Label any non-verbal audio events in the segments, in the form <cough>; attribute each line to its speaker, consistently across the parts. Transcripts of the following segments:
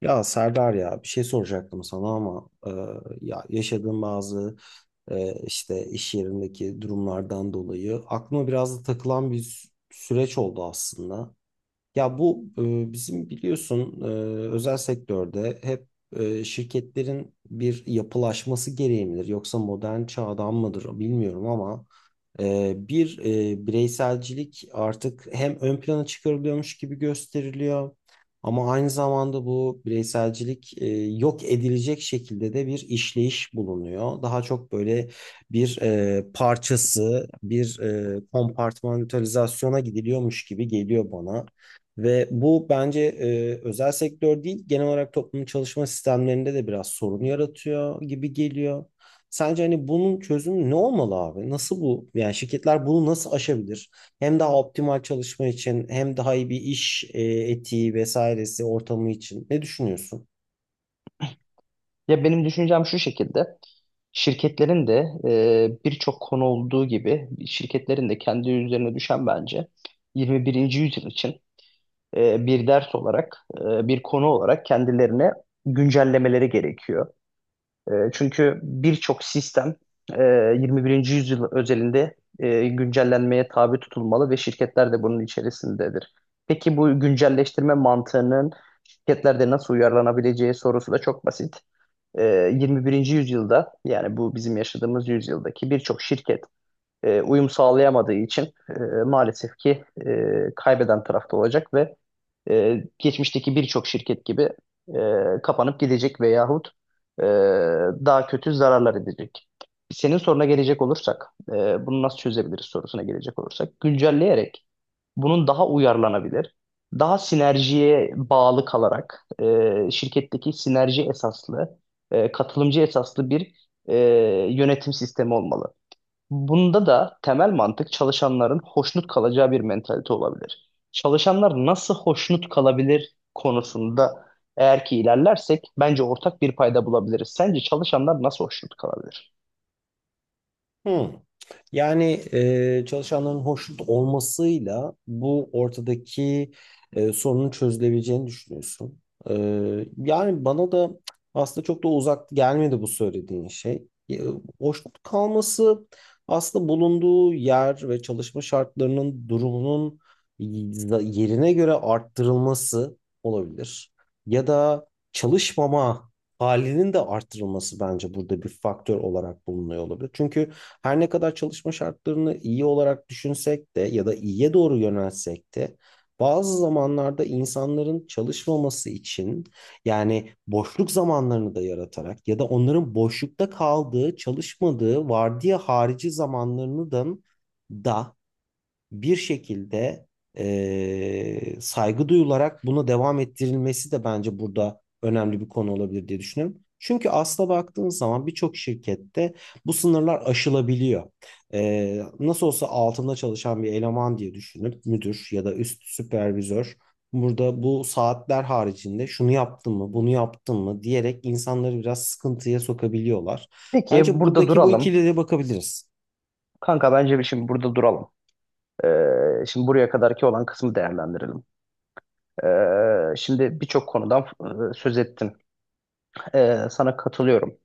Speaker 1: Ya Serdar ya bir şey soracaktım sana ama ya yaşadığım bazı işte iş yerindeki durumlardan dolayı aklıma biraz da takılan bir süreç oldu aslında. Ya bu bizim biliyorsun, özel sektörde hep şirketlerin bir yapılaşması gereği midir yoksa modern çağdan mıdır bilmiyorum ama bir bireyselcilik artık hem ön plana çıkarılıyormuş gibi gösteriliyor ama aynı zamanda bu bireyselcilik yok edilecek şekilde de bir işleyiş bulunuyor. Daha çok böyle bir parçası, bir kompartmantalizasyona gidiliyormuş gibi geliyor bana. Ve bu bence özel sektör değil, genel olarak toplumun çalışma sistemlerinde de biraz sorun yaratıyor gibi geliyor. Sence hani bunun çözümü ne olmalı abi? Nasıl bu? Yani şirketler bunu nasıl aşabilir? Hem daha optimal çalışma için hem daha iyi bir iş etiği vesairesi ortamı için. Ne düşünüyorsun?
Speaker 2: Ya benim düşüncem şu şekilde. Şirketlerin de birçok konu olduğu gibi şirketlerin de kendi üzerine düşen bence 21. yüzyıl için bir ders olarak, bir konu olarak kendilerine güncellemeleri gerekiyor. Çünkü birçok sistem 21. yüzyıl özelinde güncellenmeye tabi tutulmalı ve şirketler de bunun içerisindedir. Peki bu güncelleştirme mantığının şirketlerde nasıl uyarlanabileceği sorusu da çok basit 21. yüzyılda yani bu bizim yaşadığımız yüzyıldaki birçok şirket uyum sağlayamadığı için e, maalesef ki kaybeden tarafta olacak ve geçmişteki birçok şirket gibi kapanıp gidecek veyahut e, daha kötü zararlar edecek. Senin soruna gelecek olursak, bunu nasıl çözebiliriz sorusuna gelecek olursak, güncelleyerek bunun daha uyarlanabilir, daha sinerjiye bağlı kalarak şirketteki sinerji esaslı, katılımcı esaslı bir e, yönetim sistemi olmalı. Bunda da temel mantık çalışanların hoşnut kalacağı bir mentalite olabilir. Çalışanlar nasıl hoşnut kalabilir konusunda eğer ki ilerlersek bence ortak bir payda bulabiliriz. Sence çalışanlar nasıl hoşnut kalabilir?
Speaker 1: Hmm. Yani çalışanların hoşnut olmasıyla bu ortadaki sorunun çözülebileceğini düşünüyorsun. E, yani bana da aslında çok da uzak gelmedi bu söylediğin şey. Hoşnut kalması aslında bulunduğu yer ve çalışma şartlarının durumunun yerine göre arttırılması olabilir. Ya da çalışmama halinin de artırılması bence burada bir faktör olarak bulunuyor olabilir. Çünkü her ne kadar çalışma şartlarını iyi olarak düşünsek de ya da iyiye doğru yönelsek de bazı zamanlarda insanların çalışmaması için yani boşluk zamanlarını da yaratarak ya da onların boşlukta kaldığı, çalışmadığı, vardiya harici zamanlarını da bir şekilde saygı duyularak buna devam ettirilmesi de bence burada önemli bir konu olabilir diye düşünüyorum. Çünkü asla baktığınız zaman birçok şirkette bu sınırlar aşılabiliyor. Nasıl olsa altında çalışan bir eleman diye düşünüp müdür ya da üst süpervizör burada bu saatler haricinde şunu yaptın mı, bunu yaptın mı diyerek insanları biraz sıkıntıya sokabiliyorlar.
Speaker 2: Peki
Speaker 1: Bence
Speaker 2: burada
Speaker 1: buradaki bu
Speaker 2: duralım.
Speaker 1: ikiliye de bakabiliriz.
Speaker 2: Kanka bence bir şimdi burada duralım. Şimdi buraya kadarki olan kısmı değerlendirelim. Şimdi birçok konudan söz ettin. Sana katılıyorum.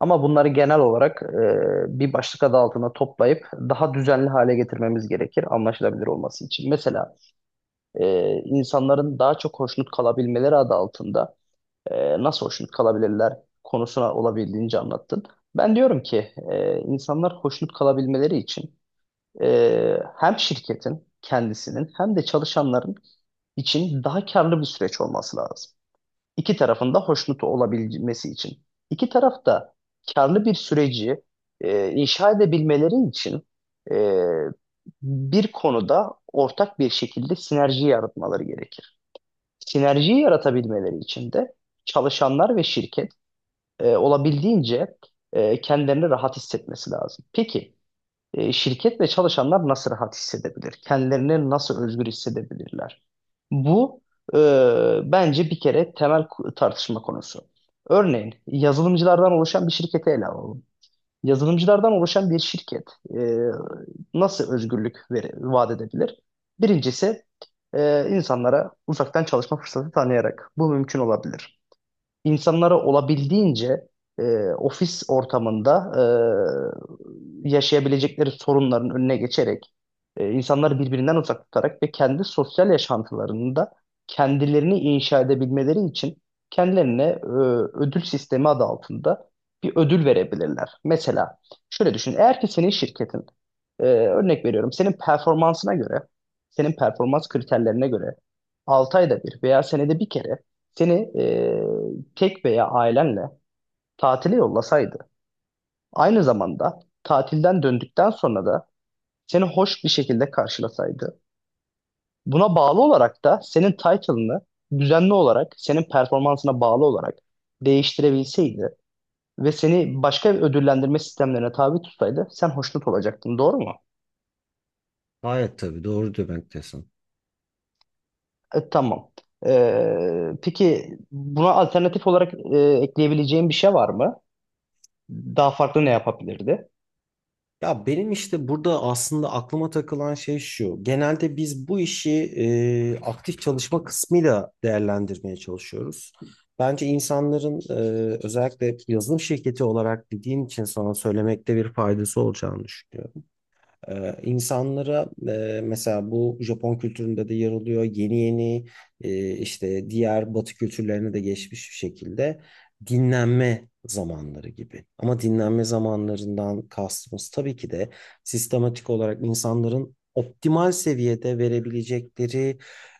Speaker 2: Ama bunları genel olarak bir başlık adı altında toplayıp daha düzenli hale getirmemiz gerekir anlaşılabilir olması için. Mesela insanların daha çok hoşnut kalabilmeleri adı altında nasıl hoşnut kalabilirler konusuna olabildiğince anlattın. Ben diyorum ki insanlar hoşnut kalabilmeleri için hem şirketin kendisinin hem de çalışanların için daha karlı bir süreç olması lazım. İki tarafın da hoşnut olabilmesi için. İki taraf da karlı bir süreci inşa edebilmeleri için e, bir konuda ortak bir şekilde sinerji yaratmaları gerekir. Sinerjiyi yaratabilmeleri için de çalışanlar ve şirket olabildiğince kendilerini rahat hissetmesi lazım. Peki şirket ve çalışanlar nasıl rahat hissedebilir? Kendilerini nasıl özgür hissedebilirler? Bu bence bir kere temel tartışma konusu. Örneğin yazılımcılardan oluşan bir şirketi ele alalım. Yazılımcılardan oluşan bir şirket e, nasıl özgürlük vaat edebilir? Birincisi insanlara uzaktan çalışma fırsatı tanıyarak bu mümkün olabilir. İnsanlara olabildiğince e, ofis ortamında yaşayabilecekleri sorunların önüne geçerek insanları birbirinden uzak tutarak ve kendi sosyal yaşantılarında kendilerini inşa edebilmeleri için kendilerine ödül sistemi adı altında bir ödül verebilirler. Mesela şöyle düşün, eğer ki senin şirketin örnek veriyorum. Senin performansına göre, senin performans kriterlerine göre 6 ayda bir veya senede bir kere seni tek veya ailenle tatile yollasaydı, aynı zamanda tatilden döndükten sonra da seni hoş bir şekilde karşılasaydı, buna bağlı olarak da senin title'ını düzenli olarak, senin performansına bağlı olarak değiştirebilseydi ve seni başka bir ödüllendirme sistemlerine tabi tutsaydı sen hoşnut olacaktın, doğru mu?
Speaker 1: Gayet tabii doğru demektesin.
Speaker 2: Tamam. Peki buna alternatif olarak ekleyebileceğin bir şey var mı? Daha farklı ne yapabilirdi?
Speaker 1: Ya benim işte burada aslında aklıma takılan şey şu. Genelde biz bu işi aktif çalışma kısmıyla değerlendirmeye çalışıyoruz. Bence insanların, özellikle yazılım şirketi olarak bildiğin için sana söylemekte bir faydası olacağını düşünüyorum. İnsanlara mesela bu Japon kültüründe de yer alıyor. Yeni yeni işte diğer Batı kültürlerine de geçmiş bir şekilde dinlenme zamanları gibi. Ama dinlenme zamanlarından kastımız tabii ki de sistematik olarak insanların optimal seviyede verebilecekleri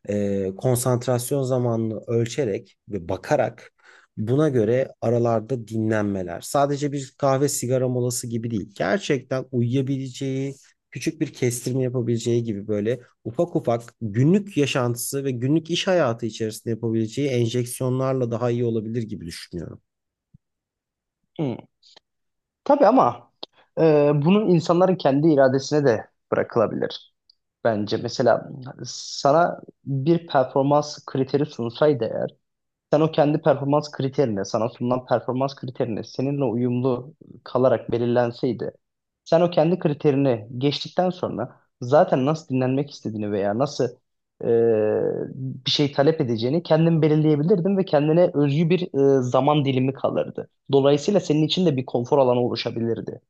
Speaker 1: konsantrasyon zamanını ölçerek ve bakarak buna göre aralarda dinlenmeler. Sadece bir kahve sigara molası gibi değil. Gerçekten uyuyabileceği, küçük bir kestirme yapabileceği gibi böyle ufak ufak günlük yaşantısı ve günlük iş hayatı içerisinde yapabileceği enjeksiyonlarla daha iyi olabilir gibi düşünüyorum.
Speaker 2: Hmm. Tabii ama bunun insanların kendi iradesine de bırakılabilir bence. Mesela sana bir performans kriteri sunsaydı eğer sen o kendi performans kriterine, sana sunulan performans kriterine seninle uyumlu kalarak belirlenseydi, sen o kendi kriterini geçtikten sonra zaten nasıl dinlenmek istediğini veya nasıl e, bir şey talep edeceğini kendin belirleyebilirdin ve kendine özgü bir zaman dilimi kalırdı. Dolayısıyla senin için de bir konfor alanı oluşabilirdi.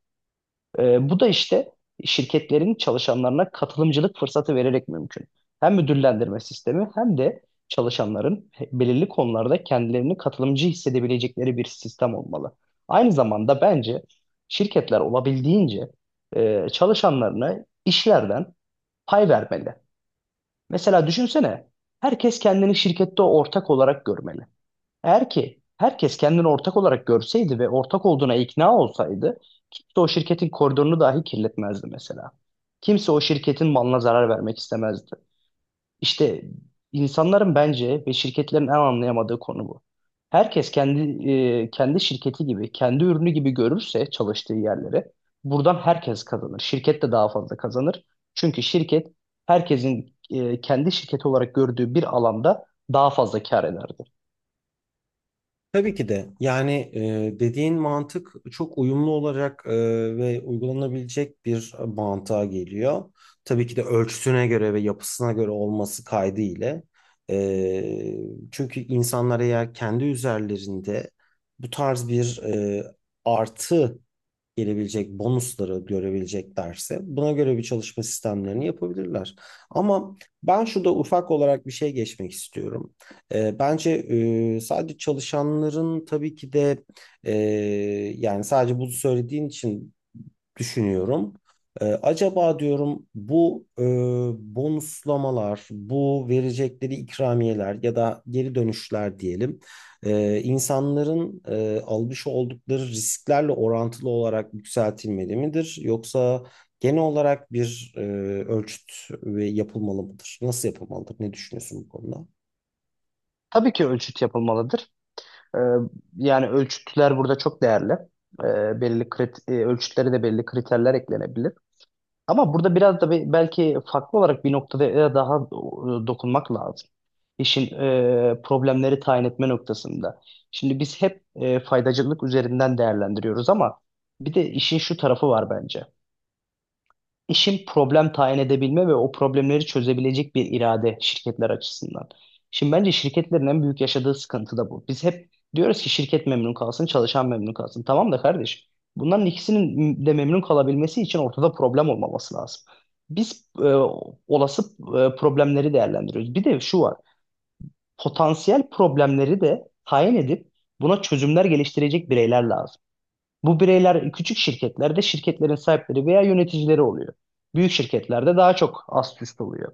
Speaker 2: Bu da işte şirketlerin çalışanlarına katılımcılık fırsatı vererek mümkün. Hem müdürlendirme sistemi hem de çalışanların belirli konularda kendilerini katılımcı hissedebilecekleri bir sistem olmalı. Aynı zamanda bence şirketler olabildiğince çalışanlarına işlerden pay vermeli. Mesela düşünsene, herkes kendini şirkette ortak olarak görmeli. Eğer ki herkes kendini ortak olarak görseydi ve ortak olduğuna ikna olsaydı kimse o şirketin koridorunu dahi kirletmezdi mesela. Kimse o şirketin malına zarar vermek istemezdi. İşte insanların bence ve şirketlerin en anlayamadığı konu bu. Herkes kendi şirketi gibi, kendi ürünü gibi görürse çalıştığı yerleri buradan herkes kazanır. Şirket de daha fazla kazanır. Çünkü şirket herkesin kendi şirketi olarak gördüğü bir alanda daha fazla kar eder.
Speaker 1: Tabii ki de yani dediğin mantık çok uyumlu olarak ve uygulanabilecek bir mantığa geliyor. Tabii ki de ölçüsüne göre ve yapısına göre olması kaydı ile. E, çünkü insanlar eğer kendi üzerlerinde bu tarz bir artı gelebilecek bonusları görebileceklerse buna göre bir çalışma sistemlerini yapabilirler. Ama ben şurada ufak olarak bir şey geçmek istiyorum. Bence sadece çalışanların tabii ki de, e, yani sadece bunu söylediğin için düşünüyorum. Acaba diyorum, bu bonuslamalar, bu verecekleri ikramiyeler ya da geri dönüşler diyelim, insanların almış oldukları risklerle orantılı olarak yükseltilmeli midir? Yoksa genel olarak bir ölçüt ve yapılmalı mıdır? Nasıl yapılmalıdır? Ne düşünüyorsun bu konuda?
Speaker 2: Tabii ki ölçüt yapılmalıdır. Ee, yani ölçütler burada çok değerli. Belli ölçütlere de belli kriterler eklenebilir. Ama burada biraz da belki farklı olarak bir noktada daha dokunmak lazım. İşin problemleri tayin etme noktasında. Şimdi biz hep faydacılık üzerinden değerlendiriyoruz ama bir de işin şu tarafı var bence. İşin problem tayin edebilme ve o problemleri çözebilecek bir irade şirketler açısından. Şimdi bence şirketlerin en büyük yaşadığı sıkıntı da bu. Biz hep diyoruz ki şirket memnun kalsın, çalışan memnun kalsın. Tamam da kardeş, bunların ikisinin de memnun kalabilmesi için ortada problem olmaması lazım. Biz olası problemleri değerlendiriyoruz. Bir de şu var, potansiyel problemleri de tayin edip buna çözümler geliştirecek bireyler lazım. Bu bireyler küçük şirketlerde şirketlerin sahipleri veya yöneticileri oluyor. Büyük şirketlerde daha çok ast üst oluyor.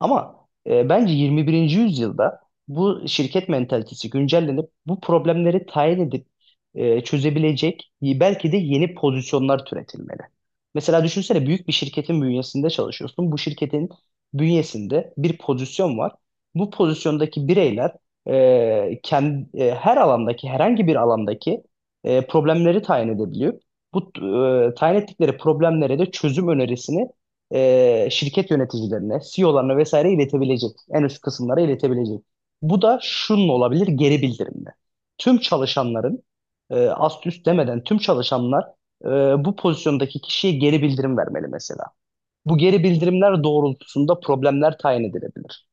Speaker 2: Ama bence 21. yüzyılda bu şirket mentalitesi güncellenip bu problemleri tayin edip çözebilecek belki de yeni pozisyonlar türetilmeli. Mesela düşünsene büyük bir şirketin bünyesinde çalışıyorsun. Bu şirketin bünyesinde bir pozisyon var. Bu pozisyondaki bireyler e, her alandaki herhangi bir alandaki problemleri tayin edebiliyor. Bu tayin ettikleri problemlere de çözüm önerisini şirket yöneticilerine, CEO'larına vesaire iletebilecek. En üst kısımlara iletebilecek. Bu da şunun olabilir geri bildirimle. Tüm çalışanların ast üst demeden tüm çalışanlar e, bu pozisyondaki kişiye geri bildirim vermeli mesela. Bu geri bildirimler doğrultusunda problemler tayin edilebilir.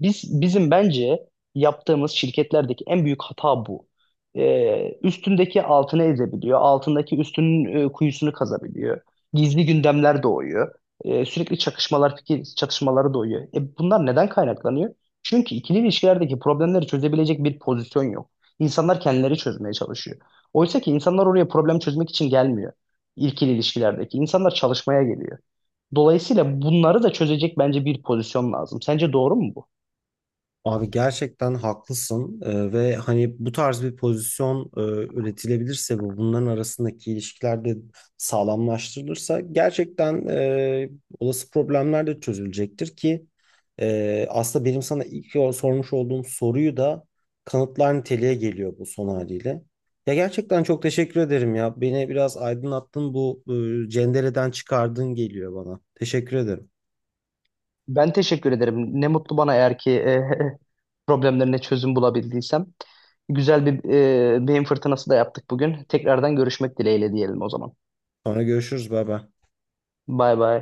Speaker 2: Bizim bence yaptığımız şirketlerdeki en büyük hata bu. Üstündeki altını ezebiliyor, altındaki üstünün kuyusunu kazabiliyor. Gizli gündemler doğuyor. Sürekli çakışmalar, fikir çatışmaları doğuyor. Bunlar neden kaynaklanıyor? Çünkü ikili ilişkilerdeki problemleri çözebilecek bir pozisyon yok. İnsanlar kendileri çözmeye çalışıyor. Oysa ki insanlar oraya problem çözmek için gelmiyor. İkili ilişkilerdeki insanlar çalışmaya geliyor. Dolayısıyla bunları da çözecek bence bir pozisyon lazım. Sence doğru mu bu?
Speaker 1: Abi gerçekten haklısın. Ve hani bu tarz bir pozisyon üretilebilirse ve bunların arasındaki ilişkiler de sağlamlaştırılırsa gerçekten olası problemler de çözülecektir ki aslında benim sana ilk sormuş olduğum soruyu da kanıtlar niteliğe geliyor bu son haliyle. Ya gerçekten çok teşekkür ederim ya. Beni biraz aydınlattın, bu cendereden çıkardın geliyor bana. Teşekkür ederim.
Speaker 2: Ben teşekkür ederim. Ne mutlu bana eğer ki <laughs> problemlerine çözüm bulabildiysem. Güzel bir beyin fırtınası da yaptık bugün. Tekrardan görüşmek dileğiyle diyelim o zaman.
Speaker 1: Sonra görüşürüz. Bay bay.
Speaker 2: Bay bay.